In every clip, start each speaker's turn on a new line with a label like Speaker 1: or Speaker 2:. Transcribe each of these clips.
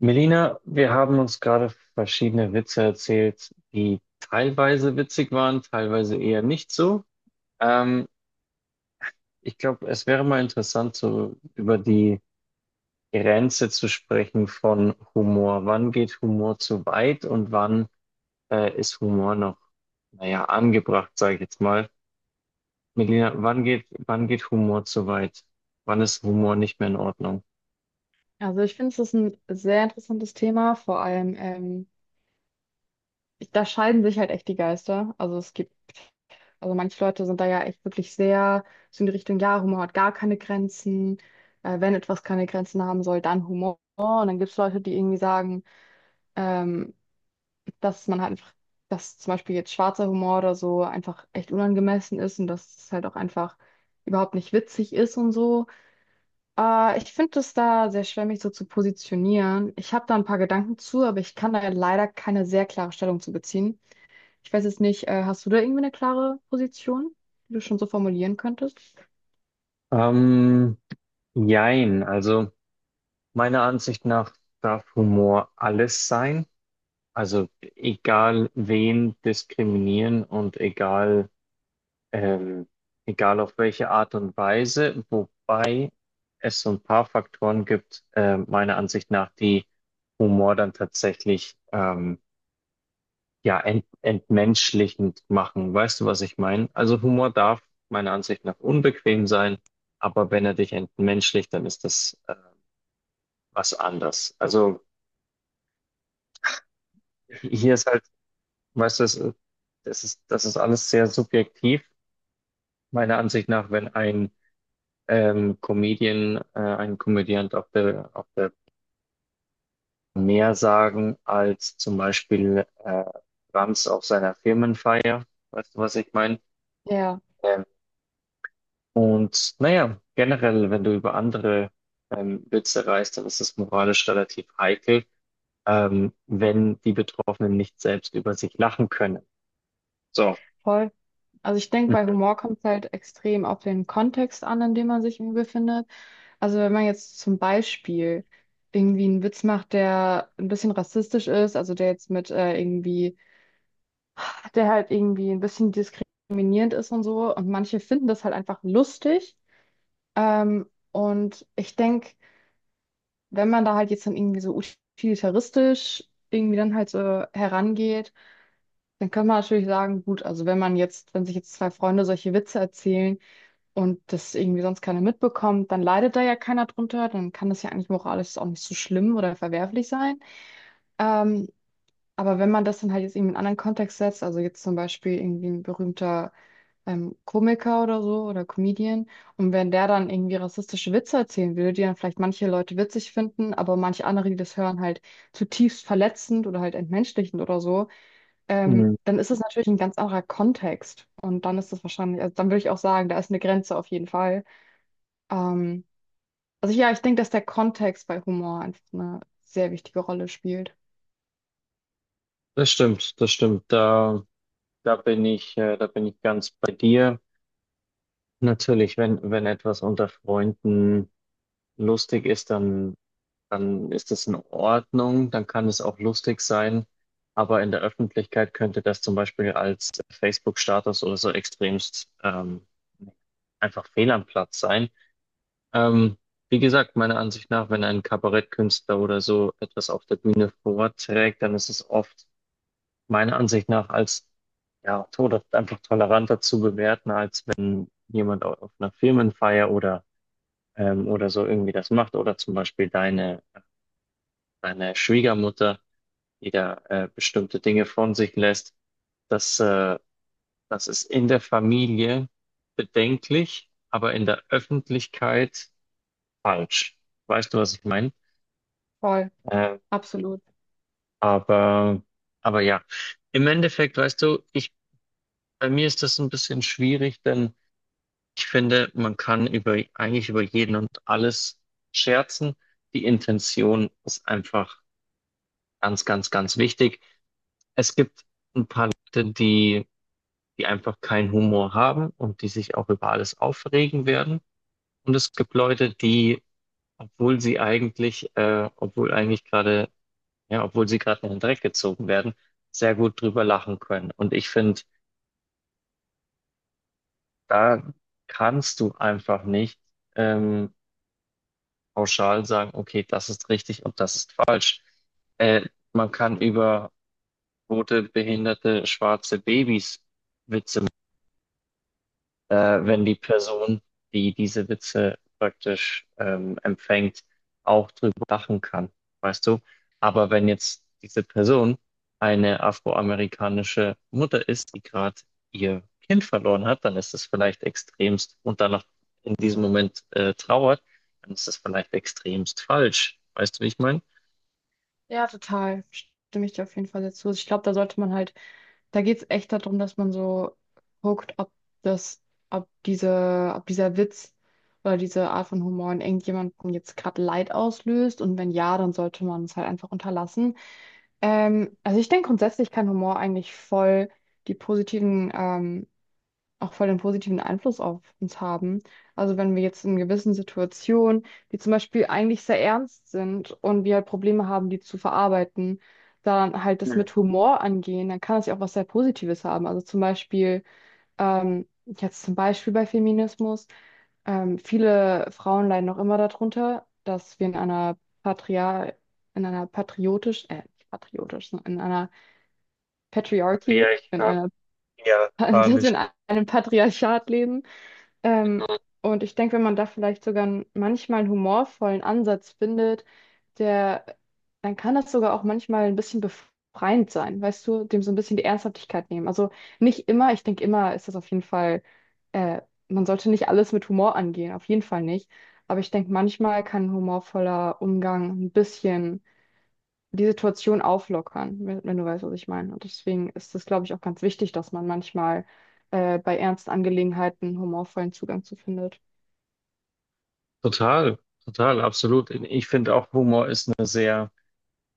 Speaker 1: Melina, wir haben uns gerade verschiedene Witze erzählt, die teilweise witzig waren, teilweise eher nicht so. Ähm, Ich glaube, es wäre mal interessant, so über die Grenze zu sprechen von Humor. Wann geht Humor zu weit und wann ist Humor noch, naja, angebracht, sage ich jetzt mal. Melina, wann geht Humor zu weit? Wann ist Humor nicht mehr in Ordnung?
Speaker 2: Also ich finde, es ist ein sehr interessantes Thema. Vor allem, ich, da scheiden sich halt echt die Geister. Also es gibt, also manche Leute sind da ja echt wirklich sehr so in die Richtung, ja, Humor hat gar keine Grenzen. Wenn etwas keine Grenzen haben soll, dann Humor. Und dann gibt es Leute, die irgendwie sagen, ähm, dass man halt einfach, dass zum Beispiel jetzt schwarzer Humor oder so einfach echt unangemessen ist und dass es halt auch einfach überhaupt nicht witzig ist und so. Ich finde es da sehr schwer, mich so zu positionieren. Ich habe da ein paar Gedanken zu, aber ich kann da leider keine sehr klare Stellung zu beziehen. Ich weiß jetzt nicht, hast du da irgendwie eine klare Position, die du schon so formulieren könntest?
Speaker 1: Ähm, Jein, also. Meiner Ansicht nach darf Humor alles sein. Also egal wen diskriminieren und egal, ähm, egal auf welche Art und Weise, wobei es so ein paar Faktoren gibt, meiner Ansicht nach, die Humor dann tatsächlich ja entmenschlichend machen. Weißt du, was ich meine? Also Humor darf meiner Ansicht nach unbequem sein, aber wenn er dich entmenschlicht, dann ist das was anderes. Also hier ist halt. Weißt du, das ist alles sehr subjektiv, meiner Ansicht nach, wenn ein Comedian, ein Komödiant auf auf der mehr sagen als zum Beispiel Rams auf seiner Firmenfeier. Weißt du, was ich meine?
Speaker 2: Ja,
Speaker 1: Ähm, und naja, generell, wenn du über andere Witze reißt, dann ist das moralisch relativ heikel, wenn die Betroffenen nicht selbst über sich lachen können. So.
Speaker 2: voll. Also ich denke, bei Humor kommt es halt extrem auf den Kontext an, in dem man sich irgendwie befindet. Also wenn man jetzt zum Beispiel irgendwie einen Witz macht, der ein bisschen rassistisch ist, also der jetzt mit irgendwie der halt irgendwie ein bisschen diskriminierend ist und so. Und manche finden das halt einfach lustig. Und ich denke, wenn man da halt jetzt dann irgendwie so utilitaristisch irgendwie dann halt so herangeht, dann kann man natürlich sagen, gut, also wenn man jetzt, wenn sich jetzt zwei Freunde solche Witze erzählen und das irgendwie sonst keiner mitbekommt, dann leidet da ja keiner drunter, dann kann das ja eigentlich moralisch auch nicht so schlimm oder verwerflich sein. Ähm, Aber wenn man das dann halt jetzt irgendwie in einen anderen Kontext setzt, also jetzt zum Beispiel irgendwie ein berühmter Komiker oder so oder Comedian, und wenn der dann irgendwie rassistische Witze erzählen würde, die dann vielleicht manche Leute witzig finden, aber manche andere, die das hören, halt zutiefst verletzend oder halt entmenschlichend oder so,
Speaker 1: Mhm.
Speaker 2: dann ist es natürlich ein ganz anderer Kontext. Und dann ist das wahrscheinlich, also dann würde ich auch sagen, da ist eine Grenze auf jeden Fall. Ähm, also ja, ich denke, dass der Kontext bei Humor einfach eine sehr wichtige Rolle spielt.
Speaker 1: Das stimmt, das stimmt. Da bin ich, da bin ich ganz bei dir. Natürlich, wenn etwas unter Freunden lustig ist, dann ist es in Ordnung, dann kann es auch lustig sein. Aber in der Öffentlichkeit könnte das zum Beispiel als Facebook-Status oder so extremst einfach fehl am Platz sein. Ähm, Wie gesagt, meiner Ansicht nach, wenn ein Kabarettkünstler oder so etwas auf der Bühne vorträgt, dann ist es oft meiner Ansicht nach als ja, Tod einfach toleranter zu bewerten, als wenn jemand auf einer Firmenfeier oder, oder so irgendwie das macht. Oder zum Beispiel deine Schwiegermutter, die da bestimmte Dinge von sich lässt. Das, äh, das ist in der Familie bedenklich, aber in der Öffentlichkeit falsch. Weißt du, was ich meine?
Speaker 2: Voll,
Speaker 1: Äh,
Speaker 2: absolut.
Speaker 1: aber, aber ja, im Endeffekt, weißt du, bei mir ist das ein bisschen schwierig, denn ich finde, man kann eigentlich über jeden und alles scherzen. Die Intention ist einfach ganz, ganz, ganz wichtig. Es gibt die, die einfach keinen Humor haben und die sich auch über alles aufregen werden. Und es gibt Leute, die, obwohl eigentlich gerade, ja, obwohl sie gerade in den Dreck gezogen werden, sehr gut drüber lachen können. Und ich finde, da kannst du einfach nicht Ähm, pauschal sagen, okay, das ist richtig und das ist falsch. Äh, Man kann über tote, behinderte, schwarze Babys Witze wenn die Person, die diese Witze praktisch empfängt, auch drüber lachen kann, weißt du? Aber wenn jetzt diese Person eine afroamerikanische Mutter ist, die gerade ihr Kind verloren hat, dann ist es vielleicht extremst und dann noch in diesem Moment trauert, dann ist es vielleicht extremst falsch. Weißt du, wie ich meine?
Speaker 2: Ja, total. Stimme ich dir auf jeden Fall dazu. Ich glaube, da sollte man halt, da geht es echt darum, dass man so guckt, ob das, ob diese, ob dieser Witz oder diese Art von Humor in irgendjemandem jetzt gerade Leid auslöst. Und wenn ja, dann sollte man es halt einfach unterlassen. Also ich denke grundsätzlich kann Humor eigentlich voll die positiven auch voll den positiven Einfluss auf uns haben. Also wenn wir jetzt in gewissen Situationen, die zum Beispiel eigentlich sehr ernst sind und wir halt Probleme haben, die zu verarbeiten, dann halt das
Speaker 1: Hm.
Speaker 2: mit Humor angehen, dann kann das ja auch was sehr Positives haben. Also zum Beispiel, jetzt zum Beispiel bei Feminismus, viele Frauen leiden noch immer darunter, dass wir in einer Patriar in einer patriotisch, nicht patriotisch, sondern in einer Patriarchie, in
Speaker 1: Patriarchal,
Speaker 2: einer, dass wir in
Speaker 1: patriarchalischen.
Speaker 2: einem Patriarchat leben, ähm, und ich denke, wenn man da vielleicht sogar manchmal einen humorvollen Ansatz findet, der, dann kann das sogar auch manchmal ein bisschen befreiend sein, weißt du, dem so ein bisschen die Ernsthaftigkeit nehmen. Also nicht immer, ich denke, immer ist das auf jeden Fall, äh, man sollte nicht alles mit Humor angehen, auf jeden Fall nicht. Aber ich denke, manchmal kann ein humorvoller Umgang ein bisschen die Situation auflockern, wenn, wenn du weißt, was ich meine. Und deswegen ist es, glaube ich, auch ganz wichtig, dass man manchmal bei ernsten Angelegenheiten einen humorvollen Zugang zu findet.
Speaker 1: Total, total, absolut. Ich finde auch, Humor ist eine sehr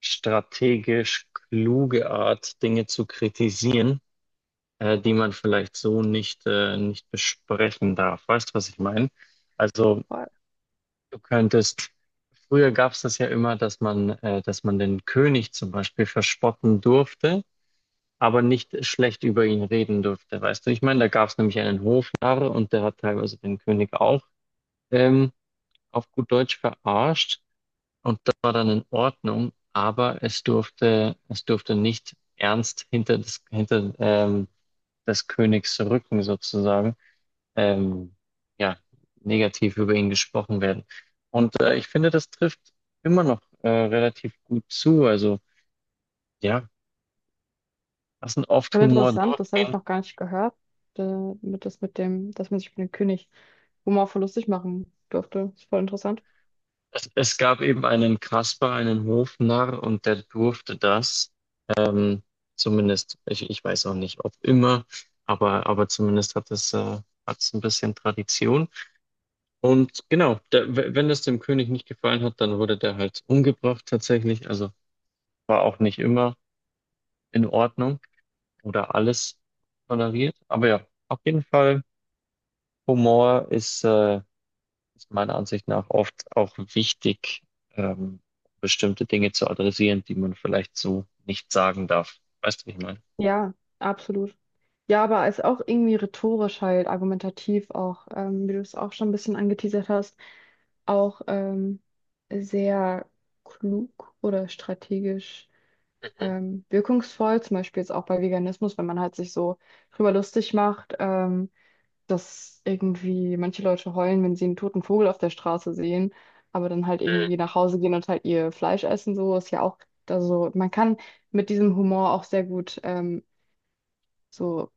Speaker 1: strategisch kluge Art, Dinge zu kritisieren, die man vielleicht so nicht nicht besprechen darf. Weißt du, was ich meine? Also
Speaker 2: Voll,
Speaker 1: du könntest, früher gab es das ja immer, dass man, dass man den König zum Beispiel verspotten durfte, aber nicht schlecht über ihn reden durfte. Weißt du, ich meine, da gab es nämlich einen Hofnarr und der hat teilweise den König auch ähm, auf gut Deutsch verarscht. Und das war dann in Ordnung, aber es es durfte nicht ernst hinter des Königs Rücken sozusagen, ähm, ja, negativ über ihn gesprochen werden. Und ich finde, das trifft immer noch relativ gut zu. Also ja, lassen oft
Speaker 2: voll
Speaker 1: Humor
Speaker 2: interessant, das habe ich
Speaker 1: durchgehen.
Speaker 2: noch gar nicht gehört, äh, mit, das mit dem, dass man sich mit den König humorvoll lustig machen durfte. Ist voll interessant.
Speaker 1: Es gab eben einen Kasper, einen Hofnarr, und der durfte das. Ähm, Zumindest, ich weiß auch nicht, ob immer, aber zumindest hat hat es ein bisschen Tradition. Und genau, wenn das dem König nicht gefallen hat, dann wurde der halt umgebracht tatsächlich. Also war auch nicht immer in Ordnung oder alles toleriert. Aber ja, auf jeden Fall, Humor ist, ist meiner Ansicht nach oft auch wichtig, ähm, bestimmte Dinge zu adressieren, die man vielleicht so nicht sagen darf. Weißt du, wie ich meine?
Speaker 2: Ja, absolut. Ja, aber es ist auch irgendwie rhetorisch halt, argumentativ auch, wie du es auch schon ein bisschen angeteasert hast, auch sehr klug oder strategisch
Speaker 1: Mhm.
Speaker 2: wirkungsvoll, zum Beispiel jetzt auch bei Veganismus, wenn man halt sich so drüber lustig macht, dass irgendwie manche Leute heulen, wenn sie einen toten Vogel auf der Straße sehen, aber dann halt
Speaker 1: Mhm.
Speaker 2: irgendwie nach Hause gehen und halt ihr Fleisch essen, so ist ja auch, also man kann mit diesem Humor auch sehr gut so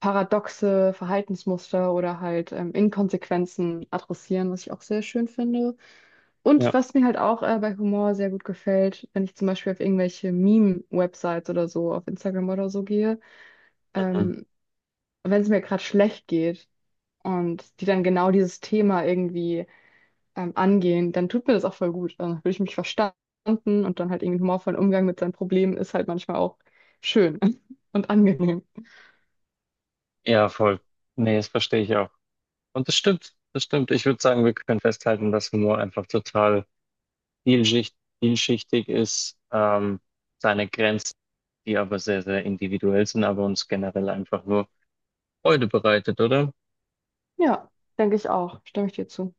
Speaker 2: paradoxe Verhaltensmuster oder halt Inkonsequenzen adressieren, was ich auch sehr schön finde. Und
Speaker 1: Ja.
Speaker 2: was mir halt auch bei Humor sehr gut gefällt, wenn ich zum Beispiel auf irgendwelche Meme-Websites oder so, auf Instagram oder so gehe,
Speaker 1: Mhm.
Speaker 2: ähm, wenn es mir gerade schlecht geht und die dann genau dieses Thema irgendwie angehen, dann tut mir das auch voll gut. Dann fühle ich mich verstanden und dann halt irgendwie einen humorvollen Umgang mit seinen Problemen ist halt manchmal auch schön und angenehm.
Speaker 1: Ja, voll. Nee, das verstehe ich auch. Und das stimmt, das stimmt. Ich würde sagen, wir können festhalten, dass Humor einfach total vielschichtig ist, seine Grenzen, die aber sehr, sehr individuell sind, aber uns generell einfach nur Freude bereitet, oder?
Speaker 2: Ja, denke ich auch. Stimme ich dir zu.